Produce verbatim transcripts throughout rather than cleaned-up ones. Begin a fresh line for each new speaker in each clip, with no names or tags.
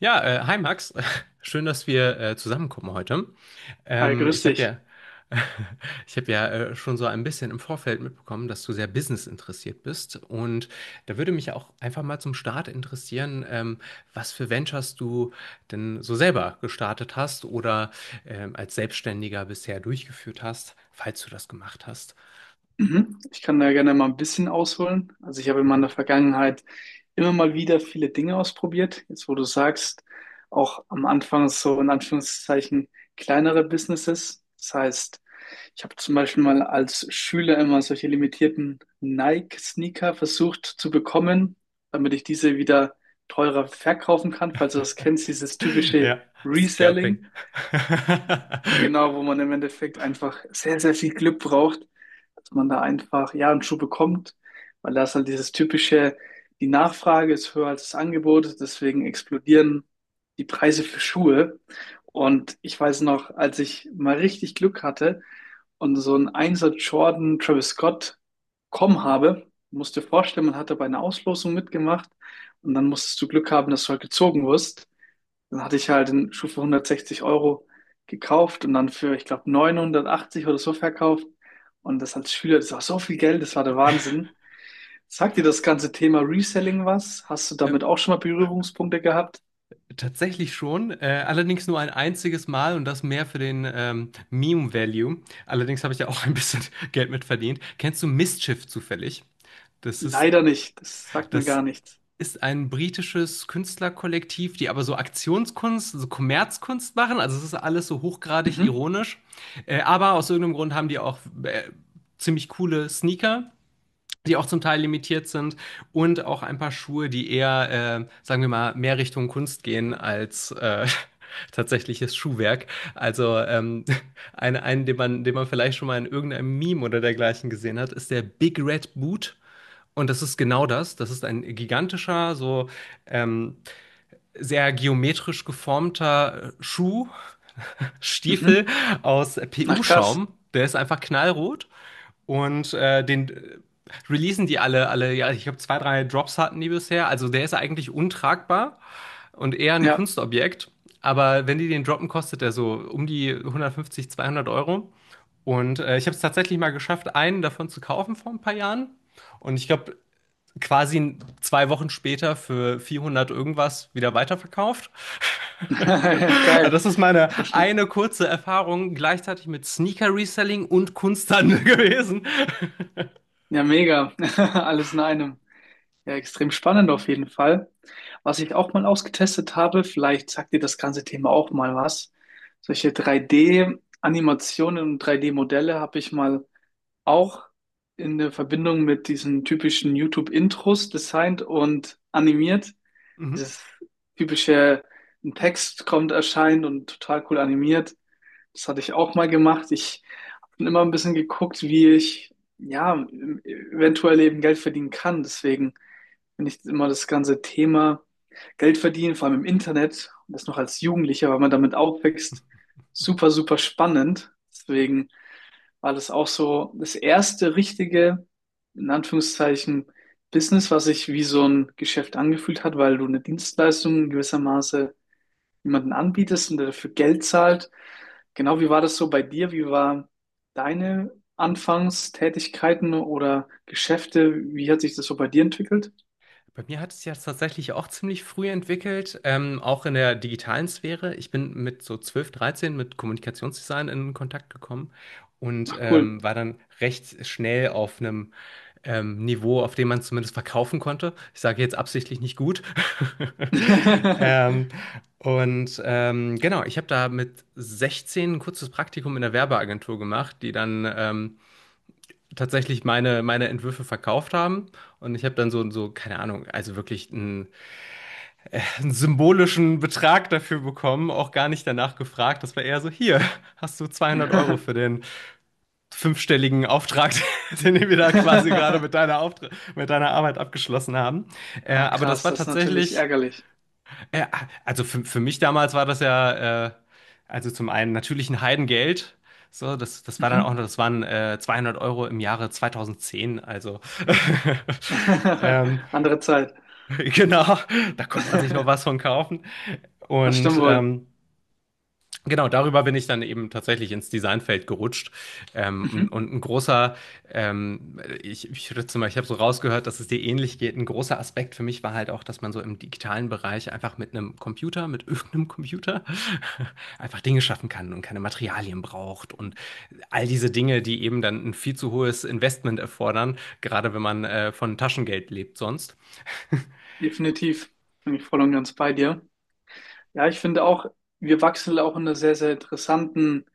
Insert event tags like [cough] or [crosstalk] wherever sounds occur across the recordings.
Ja, äh, hi Max, [laughs] schön, dass wir äh, zusammenkommen heute.
Hi,
Ähm,
grüß
ich habe
dich.
ja, [laughs] ich habe ja äh, schon so ein bisschen im Vorfeld mitbekommen, dass du sehr Business interessiert bist, und da würde mich auch einfach mal zum Start interessieren, ähm, was für Ventures du denn so selber gestartet hast oder ähm, als Selbstständiger bisher durchgeführt hast, falls du das gemacht hast.
Mhm. Ich kann da gerne mal ein bisschen ausholen. Also ich habe in meiner
[laughs]
Vergangenheit immer mal wieder viele Dinge ausprobiert. Jetzt, wo du sagst, auch am Anfang so in Anführungszeichen kleinere Businesses. Das heißt, ich habe zum Beispiel mal als Schüler immer solche limitierten Nike-Sneaker versucht zu bekommen, damit ich diese wieder teurer verkaufen kann. Falls du das kennst, dieses typische
Ja, Scalping.
Reselling.
[laughs]
Genau, wo man im Endeffekt einfach sehr, sehr viel Glück braucht, dass man da einfach ja einen Schuh bekommt, weil da ist halt dieses typische, die Nachfrage ist höher als das Angebot, deswegen explodieren die Preise für Schuhe. Und ich weiß noch, als ich mal richtig Glück hatte und so einen Einser Jordan Travis Scott bekommen habe, musst dir vorstellen, man hatte bei einer Auslosung mitgemacht und dann musstest du Glück haben, dass du halt gezogen wirst. Dann hatte ich halt den Schuh für hundertsechzig Euro gekauft und dann für, ich glaube, neunhundertachtzig oder so verkauft. Und das als Schüler, das war so viel Geld, das war der Wahnsinn. Sagt dir das ganze Thema Reselling was? Hast du
Ähm,
damit auch schon mal Berührungspunkte gehabt?
Tatsächlich schon, äh, allerdings nur ein einziges Mal, und das mehr für den ähm, Meme-Value. Allerdings habe ich ja auch ein bisschen [laughs] Geld mit verdient. Kennst du Mischief zufällig? Das ist,
Leider nicht. Das sagt mir gar
das
nichts.
ist ein britisches Künstlerkollektiv, die aber so Aktionskunst, so Kommerzkunst machen. Also es ist alles so hochgradig
Mhm.
ironisch. Äh, aber aus irgendeinem Grund haben die auch äh, ziemlich coole Sneaker, die auch zum Teil limitiert sind, und auch ein paar Schuhe, die eher, äh, sagen wir mal, mehr Richtung Kunst gehen als äh, [laughs] tatsächliches Schuhwerk. Also ähm, [laughs] ein, einen, den man, den man vielleicht schon mal in irgendeinem Meme oder dergleichen gesehen hat, ist der Big Red Boot. Und das ist genau das. Das ist ein gigantischer, so ähm, sehr geometrisch geformter äh, Schuh, [laughs] Stiefel
Mhm.
aus
Ach, krass.
P U-Schaum. Der ist einfach knallrot. Und äh, den äh, releasen die alle, alle, ja, ich glaube, zwei, drei Drops hatten die bisher. Also der ist eigentlich untragbar und eher ein
Ja.
Kunstobjekt. Aber wenn die den droppen, kostet der so um die hundertfünfzig, zweihundert Euro. Und äh, ich habe es tatsächlich mal geschafft, einen davon zu kaufen vor ein paar Jahren. Und ich glaube, quasi zwei Wochen später für vierhundert irgendwas wieder weiterverkauft. [laughs]
[laughs] Geil.
Das ist meine
So schnell.
eine kurze Erfahrung gleichzeitig mit Sneaker-Reselling und Kunsthandel [laughs] gewesen.
Ja, mega. [laughs] Alles in einem. Ja, extrem spannend auf jeden Fall. Was ich auch mal ausgetestet habe, vielleicht sagt dir das ganze Thema auch mal was. Solche drei D-Animationen und drei D-Modelle habe ich mal auch in der Verbindung mit diesen typischen YouTube-Intros designt und animiert.
Mhm.
Dieses typische, ein Text kommt, erscheint und total cool animiert. Das hatte ich auch mal gemacht. Ich habe immer ein bisschen geguckt, wie ich ja eventuell eben Geld verdienen kann. Deswegen finde ich immer das ganze Thema Geld verdienen, vor allem im Internet und das noch als Jugendlicher, weil man damit aufwächst, super, super spannend. Deswegen war das auch so das erste richtige, in Anführungszeichen, Business, was sich wie so ein Geschäft angefühlt hat, weil du eine Dienstleistung in gewisser Maße jemanden anbietest und der dafür Geld zahlt. Genau, wie war das so bei dir? Wie waren deine Anfangstätigkeiten oder Geschäfte? Wie hat sich das so bei dir entwickelt?
Bei mir hat es sich ja tatsächlich auch ziemlich früh entwickelt, ähm, auch in der digitalen Sphäre. Ich bin mit so zwölf, dreizehn mit Kommunikationsdesign in Kontakt gekommen und
Ach, cool.
ähm, war dann recht schnell auf einem ähm, Niveau, auf dem man zumindest verkaufen konnte. Ich sage jetzt absichtlich nicht gut. [laughs] Ähm,
[laughs]
und ähm, genau, ich habe da mit sechzehn ein kurzes Praktikum in der Werbeagentur gemacht, die dann ähm, tatsächlich meine, meine Entwürfe verkauft haben. Und ich habe dann so, so, keine Ahnung, also wirklich einen, einen symbolischen Betrag dafür bekommen, auch gar nicht danach gefragt. Das war eher so, hier, hast du zweihundert Euro für den fünfstelligen Auftrag, [laughs] den wir da quasi gerade mit deiner, Auftra mit deiner Arbeit abgeschlossen haben. Äh,
Ah,
aber das
krass,
war
das ist natürlich
tatsächlich
ärgerlich.
äh, also für, für mich damals war das ja, äh, also zum einen natürlich ein Heidengeld. So, das, das war dann auch
Mhm.
noch, das waren äh, zweihundert Euro im Jahre zweitausendzehn. Also, [laughs]
[laughs]
ähm,
Andere Zeit.
genau, da konnte man sich noch was
[laughs]
von kaufen.
Das
Und
stimmt wohl.
ähm, genau, darüber bin ich dann eben tatsächlich ins Designfeld gerutscht. Ähm,
Mhm.
und ein großer, ähm, ich, ich würde zum Beispiel, ich habe so rausgehört, dass es dir ähnlich geht. Ein großer Aspekt für mich war halt auch, dass man so im digitalen Bereich einfach mit einem Computer, mit irgendeinem Computer, [laughs] einfach Dinge schaffen kann und keine Materialien braucht und all diese Dinge, die eben dann ein viel zu hohes Investment erfordern, gerade wenn man äh, von Taschengeld lebt sonst. [laughs]
Definitiv. Bin ich voll und ganz bei dir. Ja, ich finde auch, wir wachsen auch in einer sehr, sehr interessanten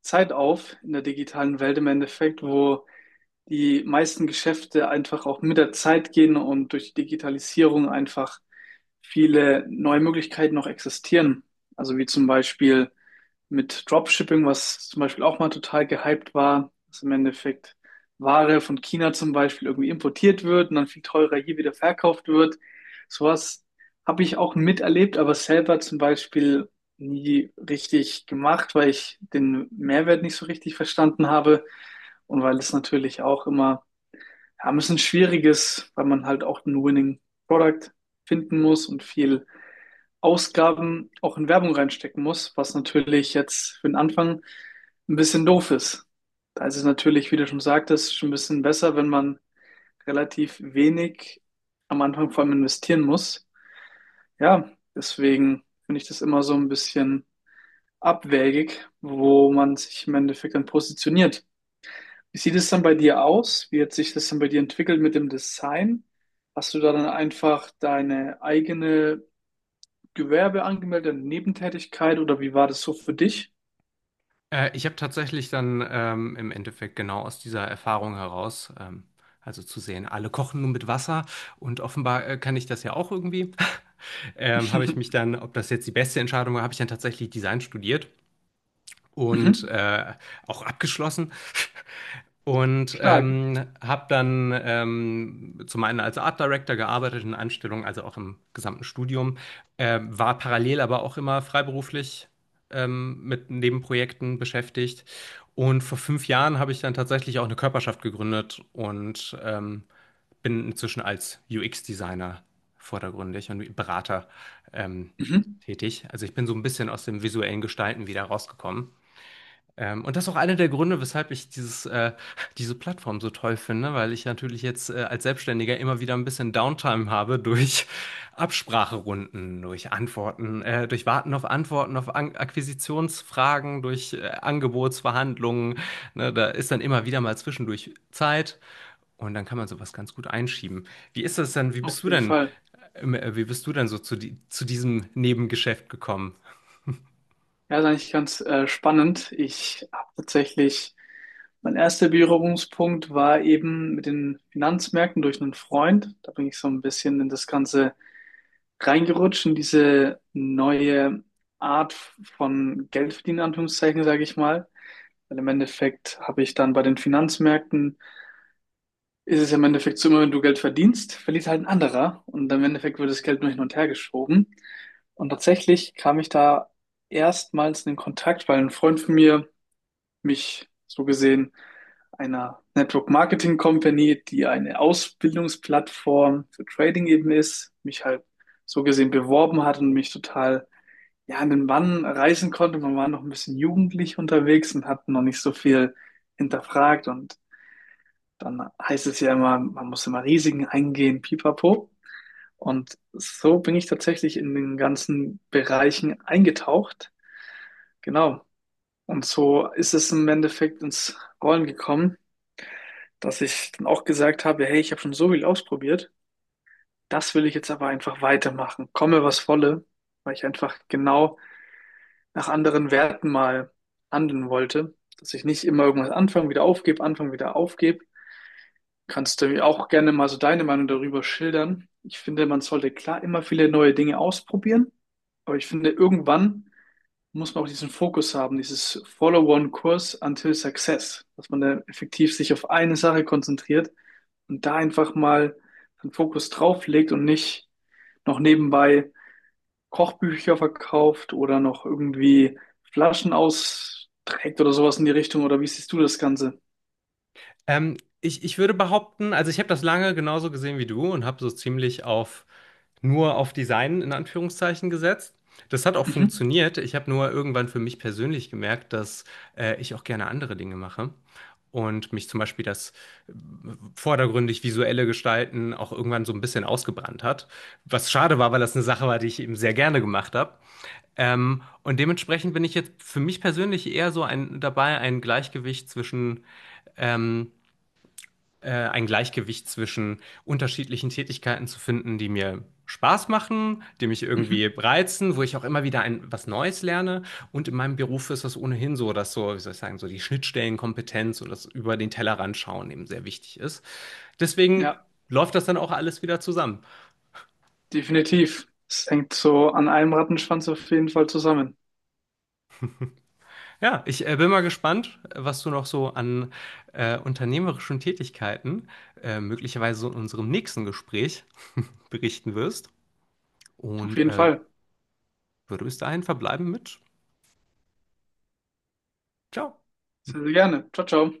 Zeit auf in der digitalen Welt im Endeffekt, wo die meisten Geschäfte einfach auch mit der Zeit gehen und durch die Digitalisierung einfach viele neue Möglichkeiten noch existieren. Also wie zum Beispiel mit Dropshipping, was zum Beispiel auch mal total gehypt war, dass im Endeffekt Ware von China zum Beispiel irgendwie importiert wird und dann viel teurer hier wieder verkauft wird. Sowas habe ich auch miterlebt, aber selber zum Beispiel nie richtig gemacht, weil ich den Mehrwert nicht so richtig verstanden habe und weil es natürlich auch immer ja, ein bisschen schwierig ist, weil man halt auch ein Winning Product finden muss und viel Ausgaben auch in Werbung reinstecken muss, was natürlich jetzt für den Anfang ein bisschen doof ist. Da ist es natürlich, wie du schon sagtest, schon ein bisschen besser, wenn man relativ wenig am Anfang vor allem investieren muss. Ja, deswegen finde ich das immer so ein bisschen abwägig, wo man sich im Endeffekt dann positioniert. Wie sieht es dann bei dir aus? Wie hat sich das dann bei dir entwickelt mit dem Design? Hast du da dann einfach deine eigene Gewerbe angemeldet, eine Nebentätigkeit oder wie war das so für dich?
Äh, ich habe tatsächlich dann ähm, im Endeffekt genau aus dieser Erfahrung heraus, ähm, also zu sehen, alle kochen nur mit Wasser und offenbar äh, kann ich das ja auch irgendwie, [laughs] ähm, habe ich mich
[laughs]
dann, ob das jetzt die beste Entscheidung war, habe ich dann tatsächlich Design studiert und
Mhm.
äh, auch abgeschlossen. Und
Stark.
ähm, habe dann ähm, zum einen als Art Director gearbeitet in Anstellung, also auch im gesamten Studium, äh, war parallel aber auch immer freiberuflich ähm, mit Nebenprojekten beschäftigt. Und vor fünf Jahren habe ich dann tatsächlich auch eine Körperschaft gegründet und ähm, bin inzwischen als U X-Designer vordergründig und Berater ähm,
Mhm.
tätig. Also ich bin so ein bisschen aus dem visuellen Gestalten wieder rausgekommen. Ähm, und das ist auch einer der Gründe, weshalb ich dieses, äh, [laughs] diese Plattform so toll finde, weil ich natürlich jetzt äh, als Selbstständiger immer wieder ein bisschen Downtime habe durch [laughs] Abspracherunden, durch Antworten, äh, durch Warten auf Antworten, auf An Akquisitionsfragen, durch äh, Angebotsverhandlungen. Ne, da ist dann immer wieder mal zwischendurch Zeit, und dann kann man sowas ganz gut einschieben. Wie ist das denn? Wie bist
Auf
du
jeden
denn,
Fall.
ähm, äh, wie bist du denn so zu, die, zu diesem Nebengeschäft gekommen?
Ja, ist eigentlich ganz äh, spannend. Ich habe tatsächlich, mein erster Berührungspunkt war eben mit den Finanzmärkten durch einen Freund. Da bin ich so ein bisschen in das Ganze reingerutscht, in diese neue Art von Geldverdienen, in Anführungszeichen, sage ich mal. Weil im Endeffekt habe ich dann bei den Finanzmärkten ist es ja im Endeffekt so, immer wenn du Geld verdienst, verliert halt ein anderer und im Endeffekt wird das Geld nur hin und her geschoben. Und tatsächlich kam ich da erstmals in den Kontakt, weil ein Freund von mir mich so gesehen einer Network Marketing Company, die eine Ausbildungsplattform für Trading eben ist, mich halt so gesehen beworben hat und mich total ja, an den Bann reißen konnte. Man war noch ein bisschen jugendlich unterwegs und hat noch nicht so viel hinterfragt und dann heißt es ja immer, man muss immer Risiken eingehen, pipapo. Und so bin ich tatsächlich in den ganzen Bereichen eingetaucht. Genau. Und so ist es im Endeffekt ins Rollen gekommen, dass ich dann auch gesagt habe, hey, ich habe schon so viel ausprobiert. Das will ich jetzt aber einfach weitermachen. Komme, was wolle, weil ich einfach genau nach anderen Werten mal handeln wollte, dass ich nicht immer irgendwas anfange, wieder aufgebe, anfange, wieder aufgebe, Kannst du mir auch gerne mal so deine Meinung darüber schildern? Ich finde, man sollte klar immer viele neue Dinge ausprobieren, aber ich finde, irgendwann muss man auch diesen Fokus haben, dieses Follow-on-Kurs until Success, dass man da effektiv sich auf eine Sache konzentriert und da einfach mal den Fokus drauf legt und nicht noch nebenbei Kochbücher verkauft oder noch irgendwie Flaschen austrägt oder sowas in die Richtung. Oder wie siehst du das Ganze?
Ähm, ich, ich würde behaupten, also ich habe das lange genauso gesehen wie du und habe so ziemlich auf nur auf Design in Anführungszeichen gesetzt. Das hat auch
Mhm.
funktioniert. Ich habe nur irgendwann für mich persönlich gemerkt, dass äh, ich auch gerne andere Dinge mache und mich zum Beispiel das vordergründig visuelle Gestalten auch irgendwann so ein bisschen ausgebrannt hat. Was schade war, weil das eine Sache war, die ich eben sehr gerne gemacht habe. Ähm, und dementsprechend bin ich jetzt für mich persönlich eher so ein, dabei, ein Gleichgewicht zwischen ähm, äh, ein Gleichgewicht zwischen unterschiedlichen Tätigkeiten zu finden, die mir Spaß machen, die mich irgendwie
Mhm.
reizen, wo ich auch immer wieder ein, was Neues lerne. Und in meinem Beruf ist das ohnehin so, dass so, wie soll ich sagen, so die Schnittstellenkompetenz oder das über den Tellerrand schauen eben sehr wichtig ist. Deswegen
Ja.
läuft das dann auch alles wieder zusammen.
Definitiv. Es hängt so an einem Rattenschwanz auf jeden Fall zusammen.
Ja, ich äh, bin mal gespannt, was du noch so an äh, unternehmerischen Tätigkeiten äh, möglicherweise so in unserem nächsten Gespräch [laughs] berichten wirst.
Auf
Und
jeden
äh,
Fall.
würde bis dahin verbleiben mit Ciao.
Sehr, sehr gerne. Ciao, ciao.